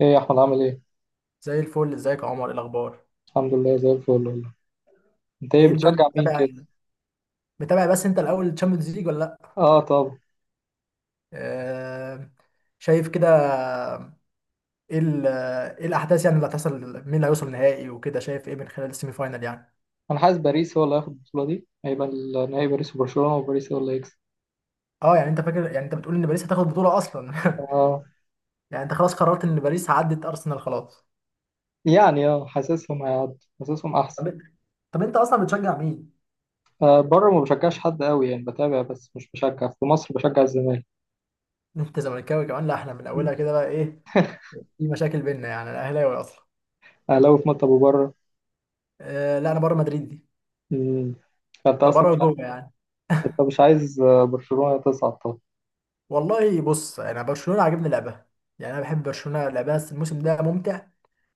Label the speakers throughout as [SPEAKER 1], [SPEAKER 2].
[SPEAKER 1] ايه يا احمد، عامل ايه؟
[SPEAKER 2] زي الفل. ازيك يا عمر؟ إيه الاخبار؟
[SPEAKER 1] الحمد لله زي الفل والله. انت ايه
[SPEAKER 2] ايه الدنيا؟
[SPEAKER 1] بتشجع مين
[SPEAKER 2] متابع
[SPEAKER 1] كده؟
[SPEAKER 2] متابع؟ بس انت الاول، تشامبيونز ليج ولا لا؟
[SPEAKER 1] اه، طب.
[SPEAKER 2] آه... شايف كده. ايه ايه الاحداث يعني اللي هتحصل؟ مين اللي هيوصل نهائي وكده؟ شايف ايه من خلال السيمي فاينال يعني؟
[SPEAKER 1] انا حاسس باريس هو اللي هياخد البطوله دي. هيبقى النهائي باريس وبرشلونه، وباريس هو اللي هيكسب.
[SPEAKER 2] اه، يعني انت فاكر، يعني انت بتقول ان باريس هتاخد بطولة اصلا؟
[SPEAKER 1] اه
[SPEAKER 2] يعني انت خلاص قررت ان باريس عدت ارسنال خلاص.
[SPEAKER 1] يعني اه، حاسسهم هيعدوا. حاسسهم احسن.
[SPEAKER 2] طب، طب انت اصلا بتشجع مين؟
[SPEAKER 1] آه، بره ما بشجعش حد قوي يعني، بتابع بس مش بشجع. في مصر بشجع الزمالك.
[SPEAKER 2] انت زملكاوي كمان؟ لا، احنا من
[SPEAKER 1] مم.
[SPEAKER 2] اولها كده بقى ايه، في مشاكل بينا، يعني انا اهلاوي اصلا.
[SPEAKER 1] اهلاوي في مصر وبره.
[SPEAKER 2] لا انا بره مدريد دي.
[SPEAKER 1] امم، انت اصلا
[SPEAKER 2] فبره
[SPEAKER 1] مش ع-
[SPEAKER 2] وجوه يعني.
[SPEAKER 1] انت مش عايز برشلونه تصعد طبعا؟
[SPEAKER 2] والله بص انا برشلونه عاجبني لعبها. يعني انا بحب برشلونه لعبها، بس الموسم ده ممتع.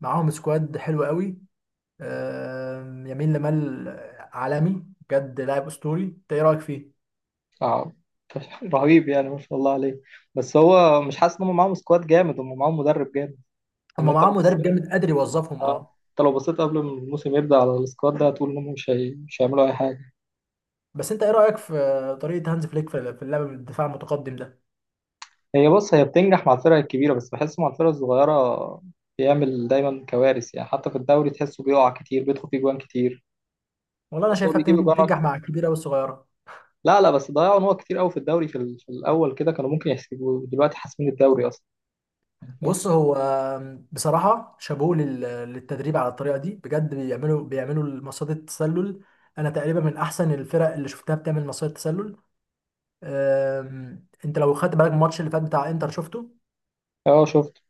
[SPEAKER 2] معاهم سكواد حلو قوي. يمين لمال عالمي بجد، لاعب اسطوري. انت ايه رايك فيه؟
[SPEAKER 1] اه. رهيب يعني، ما شاء الله عليه. بس هو مش حاسس ان هم معاهم سكواد جامد، هم معاهم مدرب جامد؟
[SPEAKER 2] هم
[SPEAKER 1] ان انت.
[SPEAKER 2] معاهم مدرب جامد قادر يوظفهم،
[SPEAKER 1] اه،
[SPEAKER 2] اه.
[SPEAKER 1] انت لو بصيت قبل ما الموسم يبدأ على السكواد ده هتقول انهم مش هيعملوا اي حاجة.
[SPEAKER 2] بس انت ايه رايك في طريقه هانز فليك في اللعب بالدفاع المتقدم ده؟
[SPEAKER 1] هي بص، هي بتنجح مع الفرق الكبيرة، بس بحس مع الفرق الصغيرة بيعمل دايما كوارث، يعني حتى في الدوري تحسه بيقع كتير، بيدخل فيه جوان كتير.
[SPEAKER 2] والله انا
[SPEAKER 1] بس هو
[SPEAKER 2] شايفها
[SPEAKER 1] بيجيب
[SPEAKER 2] بتنجح،
[SPEAKER 1] جوان
[SPEAKER 2] بتنجح
[SPEAKER 1] اكتر.
[SPEAKER 2] مع الكبيره والصغيره.
[SPEAKER 1] لا لا، بس ضيعوا نقط كتير قوي في الدوري، في الاول كده كانوا ممكن يحسبوا دلوقتي حاسمين الدوري اصلا. يعني،
[SPEAKER 2] بص هو بصراحه شابوه للتدريب على الطريقه دي بجد. بيعملوا مصيده التسلل. انا تقريبا من احسن الفرق اللي شفتها بتعمل مصيدة تسلل. انت لو خدت بالك من الماتش اللي فات بتاع انتر، شفته؟
[SPEAKER 1] فاهم. اه شفت.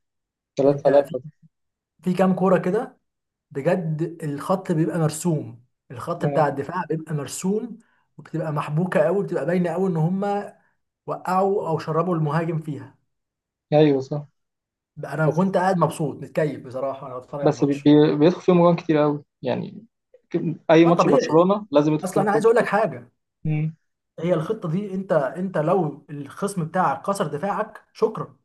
[SPEAKER 1] 3
[SPEAKER 2] انت في
[SPEAKER 1] 3
[SPEAKER 2] كام كوره كده بجد الخط بيبقى مرسوم، الخط بتاع الدفاع بيبقى مرسوم، وبتبقى محبوكه قوي، بتبقى باينه قوي ان هم وقعوا او شربوا المهاجم فيها.
[SPEAKER 1] ايوه صح.
[SPEAKER 2] بقى انا
[SPEAKER 1] بس
[SPEAKER 2] كنت قاعد مبسوط متكيف بصراحه وانا بتفرج على الماتش.
[SPEAKER 1] بيدخل فيهم جوان كتير قوي يعني. اي
[SPEAKER 2] اه
[SPEAKER 1] ماتش
[SPEAKER 2] طبيعي.
[SPEAKER 1] برشلونة لازم يدخل
[SPEAKER 2] اصلا
[SPEAKER 1] فيهم
[SPEAKER 2] انا
[SPEAKER 1] جوان
[SPEAKER 2] عايز اقول لك
[SPEAKER 1] كتير.
[SPEAKER 2] حاجه،
[SPEAKER 1] مم.
[SPEAKER 2] هي الخطه دي، انت لو الخصم بتاعك كسر دفاعك شكرا.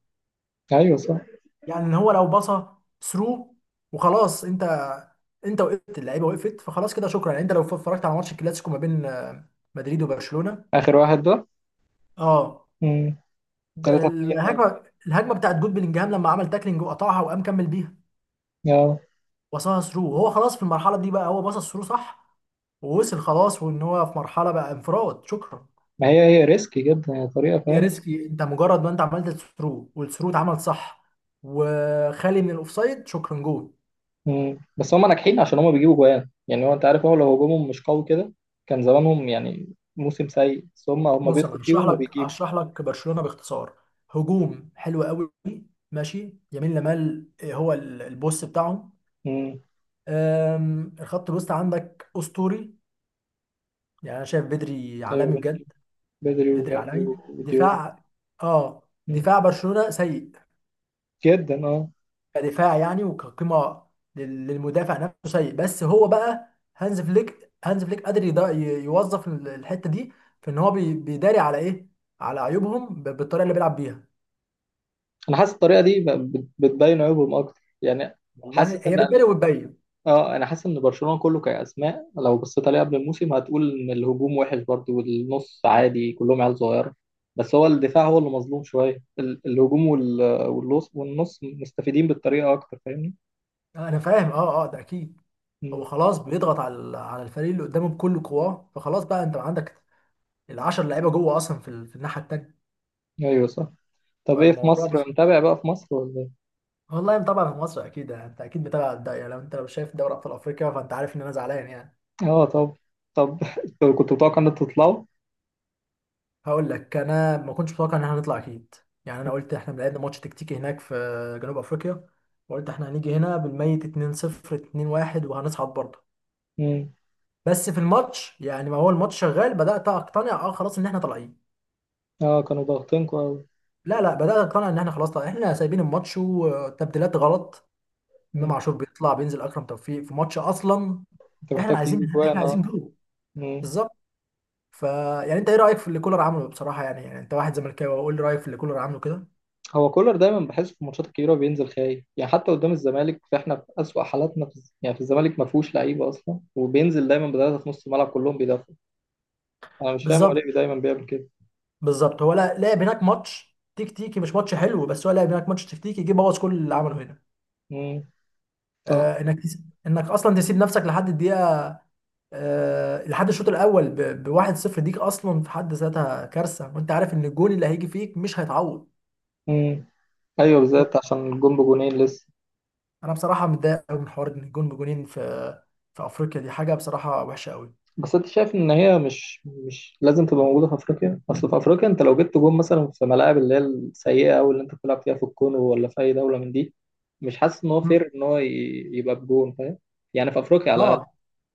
[SPEAKER 1] ايوه صح.
[SPEAKER 2] يعني ان هو لو باصه ثرو وخلاص، انت، انت وقفت اللعيبه وقفت، فخلاص كده شكرا. يعني انت لو اتفرجت على ماتش الكلاسيكو ما بين مدريد وبرشلونه،
[SPEAKER 1] آخر واحد ده.
[SPEAKER 2] اه،
[SPEAKER 1] امم. 3-2 ده.
[SPEAKER 2] الهجمه، الهجمه بتاعت جود بلينجهام لما عمل تاكلينج وقطعها وقام كمل بيها،
[SPEAKER 1] اه.
[SPEAKER 2] باصها ثرو، وهو خلاص في المرحله دي بقى، هو باص الثرو صح، ووصل خلاص وان هو في مرحله بقى انفراد شكرا.
[SPEAKER 1] ما هي، هي ريسكي جدا هي طريقة،
[SPEAKER 2] يا
[SPEAKER 1] فاهم.
[SPEAKER 2] ريسكي! انت مجرد ما انت عملت الثرو والثرو اتعمل صح وخالي من الاوفسايد شكرا جول.
[SPEAKER 1] امم، بس هم ناجحين عشان هم بيجيبوا جوان، يعني هو انت عارف هو لو هجومهم مش قوي كده كان زمانهم يعني موسم سيء. بس هم
[SPEAKER 2] بص انا
[SPEAKER 1] بيدخلوا
[SPEAKER 2] هشرح
[SPEAKER 1] فيهم
[SPEAKER 2] لك
[SPEAKER 1] وبيجيبوا.
[SPEAKER 2] هشرح لك برشلونه باختصار. هجوم حلو قوي، ماشي يمين لمال، هو البوس بتاعهم.
[SPEAKER 1] امم.
[SPEAKER 2] الخط الوسط عندك اسطوري، يعني انا شايف بدري
[SPEAKER 1] ايوه
[SPEAKER 2] عالمي
[SPEAKER 1] بدري.
[SPEAKER 2] بجد.
[SPEAKER 1] بدري
[SPEAKER 2] بدري
[SPEAKER 1] وجافي
[SPEAKER 2] عالمي.
[SPEAKER 1] وديوم.
[SPEAKER 2] دفاع، اه،
[SPEAKER 1] مم.
[SPEAKER 2] دفاع برشلونه سيء،
[SPEAKER 1] جدا اه.
[SPEAKER 2] كدفاع يعني، وكقيمه للمدافع نفسه سيء. بس هو بقى هانز فليك، هانز فليك قادر يوظف الحته دي، في ان هو بيداري على ايه، على عيوبهم بالطريقه اللي بيلعب بيها.
[SPEAKER 1] انا حاسس الطريقة دي بتبين عيوبهم اكتر يعني.
[SPEAKER 2] والله
[SPEAKER 1] حاسس
[SPEAKER 2] هي
[SPEAKER 1] ان
[SPEAKER 2] بتبان وبتبين.
[SPEAKER 1] اه، انا حاسس ان برشلونه كله كاسماء، لو بصيت عليه قبل الموسم هتقول ان الهجوم وحش برضه، والنص عادي كلهم عيال صغيره. بس هو الدفاع هو اللي مظلوم شويه، الهجوم والنص، والنص مستفيدين بالطريقه اكتر، فاهمني.
[SPEAKER 2] انا فاهم، اه اه، ده اكيد. هو
[SPEAKER 1] مم.
[SPEAKER 2] خلاص بيضغط على على الفريق اللي قدامه بكل قواه، فخلاص بقى انت عندك العشر لعيبه جوه اصلا في، في الناحيه التانيه.
[SPEAKER 1] ايوه صح. طب ايه، في
[SPEAKER 2] فالموضوع بس.
[SPEAKER 1] مصر متابع بقى في مصر ولا ايه؟
[SPEAKER 2] والله طبعا في مصر اكيد يعني، انت اكيد متابع الدوري، لو انت لو شايف دوري ابطال افريقيا فانت عارف ان انا زعلان يعني.
[SPEAKER 1] اه، طب. طب، انتوا كنتوا متوقع ان انتوا تطلعوا؟
[SPEAKER 2] هقول لك، انا ما كنتش متوقع ان احنا هنطلع اكيد. يعني انا قلت احنا لعبنا ماتش تكتيكي هناك في جنوب افريقيا، وقلت احنا هنيجي هنا بالميت 2-0 2-1 وهنصعد برضه.
[SPEAKER 1] مم.
[SPEAKER 2] بس في الماتش يعني، ما هو الماتش شغال بدأت اقتنع، اه خلاص ان احنا طالعين.
[SPEAKER 1] اه، كانوا ضاغطينكوا قوي.
[SPEAKER 2] لا لا بدأت اقتنع ان احنا خلاص طالعين، احنا سايبين الماتش وتبديلات غلط. امام عاشور بيطلع بينزل اكرم توفيق في ماتش اصلا!
[SPEAKER 1] انت
[SPEAKER 2] احنا
[SPEAKER 1] محتاج
[SPEAKER 2] عايزين،
[SPEAKER 1] تجيب
[SPEAKER 2] احنا
[SPEAKER 1] اجوان. اه.
[SPEAKER 2] عايزين جول. بالظبط. ف، يعني انت ايه رأيك في اللي كولر عمله بصراحة؟ يعني، يعني انت واحد زملكاوي، قول لي رأيك في اللي كولر عمله كده.
[SPEAKER 1] هو كولر دايما بحس في الماتشات الكبيره بينزل خايف، يعني حتى قدام الزمالك فاحنا في اسوأ حالاتنا في يعني في الزمالك ما فيهوش لعيبه اصلا، وبينزل دايما بثلاثه في نص الملعب كلهم بيدافعوا. انا مش فاهم هو
[SPEAKER 2] بالظبط،
[SPEAKER 1] ليه دايما بيعمل كده.
[SPEAKER 2] بالظبط. هو لا لعب هناك ماتش تكتيكي مش ماتش حلو، بس هو لعب هناك ماتش تكتيكي، جه بوظ كل اللي عمله هنا.
[SPEAKER 1] امم. صح.
[SPEAKER 2] انك، انك اصلا تسيب نفسك لحد الدقيقة، لحد الشوط الاول بواحد صفر ديك اصلا في حد ذاتها كارثه، وانت عارف ان الجون اللي هيجي فيك مش هيتعوض.
[SPEAKER 1] امم. ايوه، بالذات
[SPEAKER 2] الجون،
[SPEAKER 1] عشان الجون بجونين لسه.
[SPEAKER 2] انا بصراحه متضايق قوي من حوار ان الجون بجونين في افريقيا، دي حاجه بصراحه وحشه قوي.
[SPEAKER 1] بس انت شايف ان هي مش، مش لازم تبقى موجوده في افريقيا؟ اصل في افريقيا انت لو جبت جون مثلا في ملاعب اللي هي السيئه او اللي انت بتلعب فيها في الكونغو ولا في اي دوله من دي، مش حاسس ان هو
[SPEAKER 2] مم.
[SPEAKER 1] فير ان يبقى بجون، فاهم؟ يعني في افريقيا على الاقل.
[SPEAKER 2] اه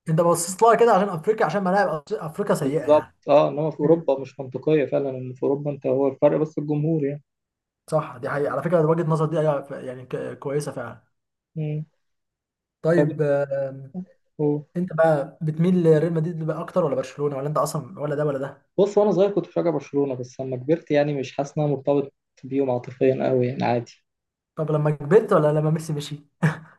[SPEAKER 2] انت بصيت لها كده عشان افريقيا، عشان ملاعب افريقيا سيئه
[SPEAKER 1] بالظبط
[SPEAKER 2] يعني.
[SPEAKER 1] اه، انما في
[SPEAKER 2] مم.
[SPEAKER 1] اوروبا مش منطقيه فعلا، ان في اوروبا انت هو الفرق بس الجمهور يعني.
[SPEAKER 2] صح، دي حقيقه على فكره، وجهه نظر دي أيوة، يعني كويسه فعلا.
[SPEAKER 1] مم. طب،
[SPEAKER 2] طيب،
[SPEAKER 1] هو
[SPEAKER 2] انت بقى بتميل لريال مدريد بقى اكتر ولا برشلونه، ولا انت اصلا ولا ده ولا ده؟
[SPEAKER 1] بص، وانا صغير كنت بشجع برشلونه، بس لما كبرت يعني مش حاسس ان انا مرتبط بيهم عاطفيا قوي يعني، عادي.
[SPEAKER 2] طب لما كبرت ولا لما ميسي مشي؟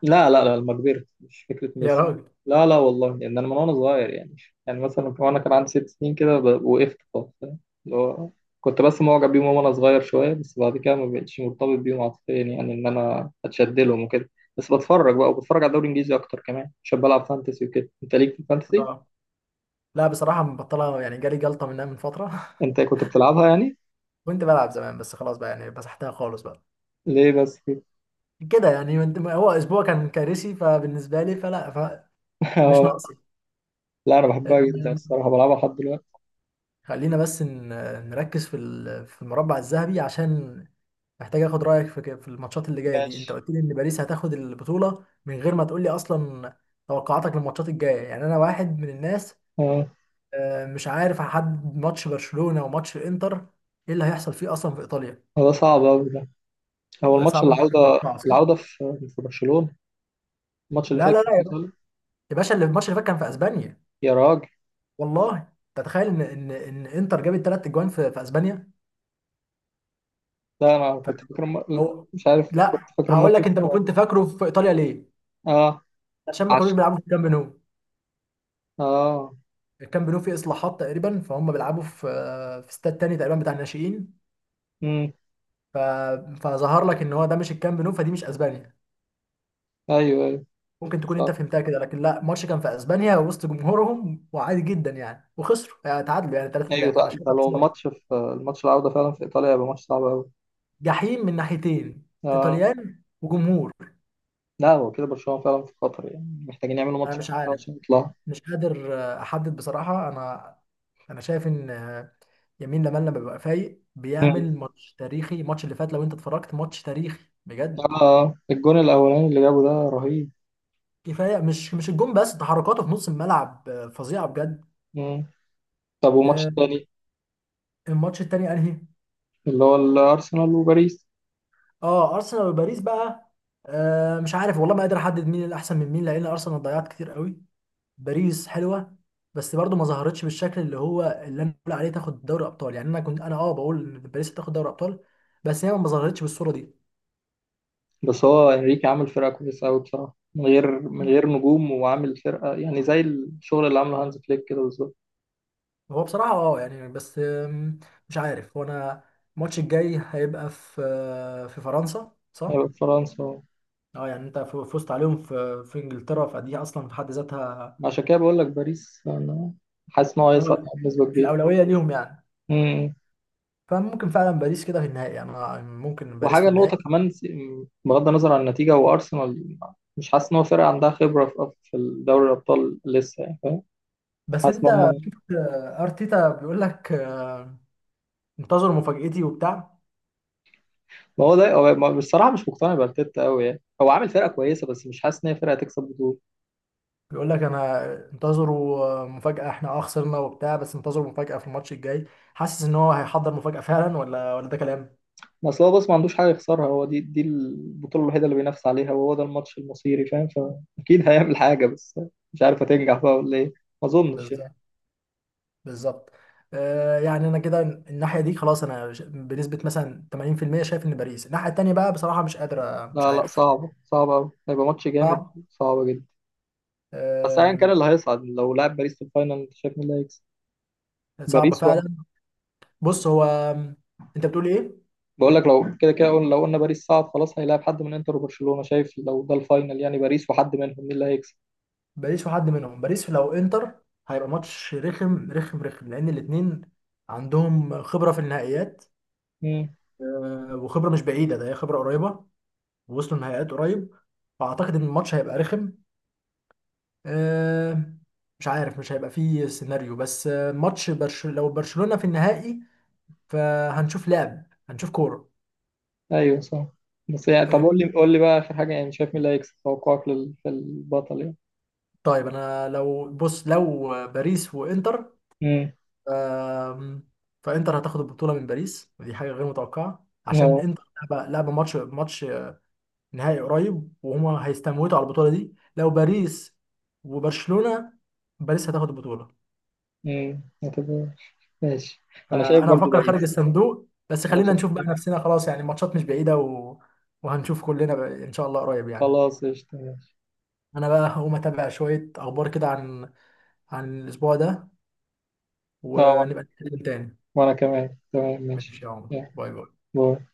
[SPEAKER 1] لا لا لا، لما كبرت، مش فكرة
[SPEAKER 2] يا
[SPEAKER 1] ميسي.
[SPEAKER 2] راجل!
[SPEAKER 1] لا لا والله، يعني أنا من وأنا صغير يعني. يعني مثلا وأنا كان عندي 6 سنين كده، وقفت خالص، فاهم؟ اللي هو، كنت بس معجب بيهم وأنا صغير شوية، بس بعد كده ما بقتش مرتبط بيهم عاطفيا، يعني إن أنا أتشد لهم وكده. بس بتفرج بقى، وبتفرج على الدوري الإنجليزي أكتر كمان عشان بلعب فانتسي وكده. أنت ليك في الفانتسي؟
[SPEAKER 2] لا بصراحة مبطلة، يعني جالي جلطة منها من فترة.
[SPEAKER 1] أنت كنت بتلعبها يعني؟
[SPEAKER 2] كنت بلعب زمان، بس خلاص بقى، يعني مسحتها خالص بقى.
[SPEAKER 1] ليه بس كده؟
[SPEAKER 2] كده يعني هو أسبوع كان كارثي، فبالنسبة لي، فلا، فمش
[SPEAKER 1] آه،
[SPEAKER 2] ناقصي.
[SPEAKER 1] لا أنا بحبها جدا
[SPEAKER 2] آمم،
[SPEAKER 1] الصراحة، بلعبها لحد دلوقتي.
[SPEAKER 2] خلينا بس نركز في في المربع الذهبي، عشان محتاج اخد رأيك في الماتشات اللي جاية دي. انت
[SPEAKER 1] ماشي.
[SPEAKER 2] قلت لي ان باريس هتاخد البطولة من غير ما تقول لي اصلا توقعاتك للماتشات الجاية يعني. انا واحد من الناس،
[SPEAKER 1] أه.
[SPEAKER 2] مش عارف، هحدد ماتش برشلونة وماتش الانتر، ايه اللي هيحصل فيه اصلا في ايطاليا؟
[SPEAKER 1] هو ده صعب أوي ده. هو
[SPEAKER 2] بقى
[SPEAKER 1] الماتش
[SPEAKER 2] صعب انك
[SPEAKER 1] العودة،
[SPEAKER 2] تتوقع صح؟
[SPEAKER 1] العودة في، في برشلونة. الماتش اللي
[SPEAKER 2] لا
[SPEAKER 1] فات
[SPEAKER 2] لا
[SPEAKER 1] كان
[SPEAKER 2] لا
[SPEAKER 1] في
[SPEAKER 2] يا باشا،
[SPEAKER 1] ايطاليا.
[SPEAKER 2] يا باشا، اللي الماتش اللي فات كان في اسبانيا.
[SPEAKER 1] يا راجل.
[SPEAKER 2] والله انت تتخيل ان ان انتر جابت ثلاث اجوان في اسبانيا؟
[SPEAKER 1] لا انا كنت فاكر
[SPEAKER 2] فهو،
[SPEAKER 1] مش عارف، كنت
[SPEAKER 2] لا
[SPEAKER 1] فاكر
[SPEAKER 2] هقول
[SPEAKER 1] الماتش
[SPEAKER 2] لك
[SPEAKER 1] في.
[SPEAKER 2] انت ما كنت فاكره في ايطاليا ليه؟
[SPEAKER 1] اه.
[SPEAKER 2] عشان ما كانوش
[SPEAKER 1] عشرة.
[SPEAKER 2] بيلعبوا في الكامب نو.
[SPEAKER 1] اه.
[SPEAKER 2] الكامب نو فيه اصلاحات تقريبا، فهم بيلعبوا في استاد تاني تقريبا بتاع الناشئين.
[SPEAKER 1] امم.
[SPEAKER 2] ف... فظهر لك ان هو ده مش الكامب نو، فدي مش اسبانيا،
[SPEAKER 1] ايوه ايوه.
[SPEAKER 2] ممكن تكون انت
[SPEAKER 1] صح.
[SPEAKER 2] فهمتها كده، لكن لا، الماتش كان في اسبانيا وسط جمهورهم، وعادي جدا يعني. وخسروا، يعني تعادلوا، يعني 3
[SPEAKER 1] ايوه
[SPEAKER 2] 3 انا
[SPEAKER 1] لا، ده
[SPEAKER 2] شايفها
[SPEAKER 1] لو
[SPEAKER 2] خساره.
[SPEAKER 1] الماتش، في الماتش العودة فعلا في ايطاليا هيبقى ماتش صعب قوي.
[SPEAKER 2] جحيم من ناحيتين،
[SPEAKER 1] اه.
[SPEAKER 2] ايطاليان وجمهور.
[SPEAKER 1] لا، هو كده برشلونة فعلا في خطر يعني، محتاجين يعملوا
[SPEAKER 2] انا
[SPEAKER 1] ماتش
[SPEAKER 2] مش
[SPEAKER 1] كويس
[SPEAKER 2] عارف،
[SPEAKER 1] عشان يطلعوا.
[SPEAKER 2] مش قادر احدد بصراحه. انا، انا شايف ان يمين لمال لما بيبقى فايق
[SPEAKER 1] مم.
[SPEAKER 2] بيعمل ماتش تاريخي. الماتش اللي فات لو انت اتفرجت ماتش تاريخي بجد.
[SPEAKER 1] اه الجون الاولاني اللي جابه ده رهيب.
[SPEAKER 2] كفايه مش الجون بس، تحركاته في نص الملعب فظيعه بجد.
[SPEAKER 1] مم. طب والماتش
[SPEAKER 2] آه،
[SPEAKER 1] التاني؟
[SPEAKER 2] الماتش التاني انهي؟
[SPEAKER 1] اللي هو الارسنال وباريس.
[SPEAKER 2] اه ارسنال وباريس بقى. مش عارف والله، ما قادر احدد مين الاحسن من مين، لان ارسنال ضيعت كتير قوي. باريس حلوه، بس برضو ما ظهرتش بالشكل اللي هو اللي انا بقول عليه تاخد دوري ابطال. يعني انا كنت، انا اه بقول ان باريس تاخد دوري ابطال، بس هي ما ظهرتش بالصوره دي.
[SPEAKER 1] بس هو انريكي عامل فرقه كويسه قوي بصراحه، من غير، من غير نجوم، وعامل فرقه يعني زي الشغل اللي عامله هانز فليك كده بالظبط.
[SPEAKER 2] هو بصراحه اه يعني، بس مش عارف هو انا. الماتش الجاي هيبقى في في فرنسا صح؟
[SPEAKER 1] هيبقى في فرنسا.
[SPEAKER 2] اه يعني انت فزت عليهم في انجلترا، فدي اصلا في حد ذاتها،
[SPEAKER 1] عشان كده بقول لك باريس انا، حاسس ان هو
[SPEAKER 2] اه
[SPEAKER 1] هيصعد
[SPEAKER 2] لا،
[SPEAKER 1] يعني بنسبه كبيره.
[SPEAKER 2] الاولويه ليهم يعني.
[SPEAKER 1] امم.
[SPEAKER 2] فممكن فعلا باريس كده في النهائي، يعني أنا ممكن باريس في
[SPEAKER 1] وحاجه نقطه
[SPEAKER 2] النهائي.
[SPEAKER 1] كمان، بغض النظر عن النتيجه، وارسنال مش حاسس ان هو فرقه عندها خبره في، في دوري الابطال لسه يعني، فاهم.
[SPEAKER 2] بس
[SPEAKER 1] حاسس ان
[SPEAKER 2] انت
[SPEAKER 1] هم.
[SPEAKER 2] شفت ارتيتا بيقول لك انتظروا مفاجأتي وبتاع،
[SPEAKER 1] ما هو ده بصراحه مش مقتنع بارتيتا قوي يعني، هو عامل فرقه كويسه بس مش حاسس ان هي فرقه تكسب بطوله.
[SPEAKER 2] بيقول لك انا انتظروا مفاجأة، احنا اه خسرنا وبتاع، بس انتظروا مفاجأة في الماتش الجاي. حاسس ان هو هيحضر مفاجأة فعلا ولا ده كلام؟
[SPEAKER 1] اصل هو بس ما عندوش حاجه يخسرها، هو دي دي البطوله الوحيده اللي بينافس عليها، وهو ده الماتش المصيري، فاهم. فاكيد هيعمل حاجه بس، مش عارف هتنجح بقى ولا ايه. ما اظنش يعني.
[SPEAKER 2] بالظبط، بالظبط. آه يعني انا كده الناحية دي خلاص، انا بنسبة مثلا 80% شايف ان باريس. الناحية التانية بقى بصراحة مش قادر، مش
[SPEAKER 1] لا لا،
[SPEAKER 2] عارف.
[SPEAKER 1] صعبه صعبه قوي، هيبقى ماتش جامد.
[SPEAKER 2] صعب.
[SPEAKER 1] صعب جدا. بس ايا كان
[SPEAKER 2] آه،
[SPEAKER 1] اللي هيصعد، لو لعب باريس في الفاينل، انت شايف مين اللي هيكسب؟
[SPEAKER 2] صعب
[SPEAKER 1] باريس ولا؟
[SPEAKER 2] فعلا. بص هو، انت بتقول ايه؟
[SPEAKER 1] بقول لك، لو كده كده قلنا، لو قلنا باريس صعد خلاص هيلاعب حد من انتر وبرشلونه، شايف لو ده الفاينل يعني باريس وحد منهم، مين اللي هيكسب؟
[SPEAKER 2] باريس وحد منهم، باريس لو انتر، هيبقى ماتش رخم رخم رخم، لان الاتنين عندهم خبرة في النهائيات،
[SPEAKER 1] امم.
[SPEAKER 2] وخبرة مش بعيدة، ده هي خبرة قريبة، ووصلوا النهائيات قريب. فاعتقد ان الماتش هيبقى رخم. آه، مش عارف مش هيبقى فيه سيناريو، بس ماتش لو برشلونة في النهائي فهنشوف لعب، هنشوف كورة.
[SPEAKER 1] ايوه صح. بس يعني طب قول لي،
[SPEAKER 2] فاهمني.
[SPEAKER 1] قول لي بقى اخر حاجه يعني، شايف مين اللي هيكسب؟ توقعك للبطل يعني.
[SPEAKER 2] طيب انا لو بص لو باريس وانتر، آم، فانتر هتاخد البطوله من باريس، ودي حاجه غير متوقعه عشان
[SPEAKER 1] امم.
[SPEAKER 2] انتر لعبه ماتش نهائي قريب وهما هيستموتوا على البطوله دي. لو باريس وبرشلونه، باريس هتاخد البطوله.
[SPEAKER 1] امم. اعتبر. ماشي. انا شايف
[SPEAKER 2] فانا
[SPEAKER 1] برضو
[SPEAKER 2] بفكر خارج
[SPEAKER 1] باريس.
[SPEAKER 2] الصندوق، بس
[SPEAKER 1] انا
[SPEAKER 2] خلينا
[SPEAKER 1] شايف.
[SPEAKER 2] نشوف بقى نفسنا، خلاص يعني الماتشات مش بعيده وهنشوف كلنا بقى ان شاء الله قريب يعني.
[SPEAKER 1] خلاص، قشطة، ماشي.
[SPEAKER 2] انا بقى هقوم اتابع شويه اخبار كده عن عن الاسبوع ده،
[SPEAKER 1] اه، وانا،
[SPEAKER 2] ونبقى نتكلم تاني.
[SPEAKER 1] وأنا كمان تمام، ماشي.
[SPEAKER 2] ماشي يا عمر،
[SPEAKER 1] يلا.
[SPEAKER 2] باي باي.
[SPEAKER 1] باي.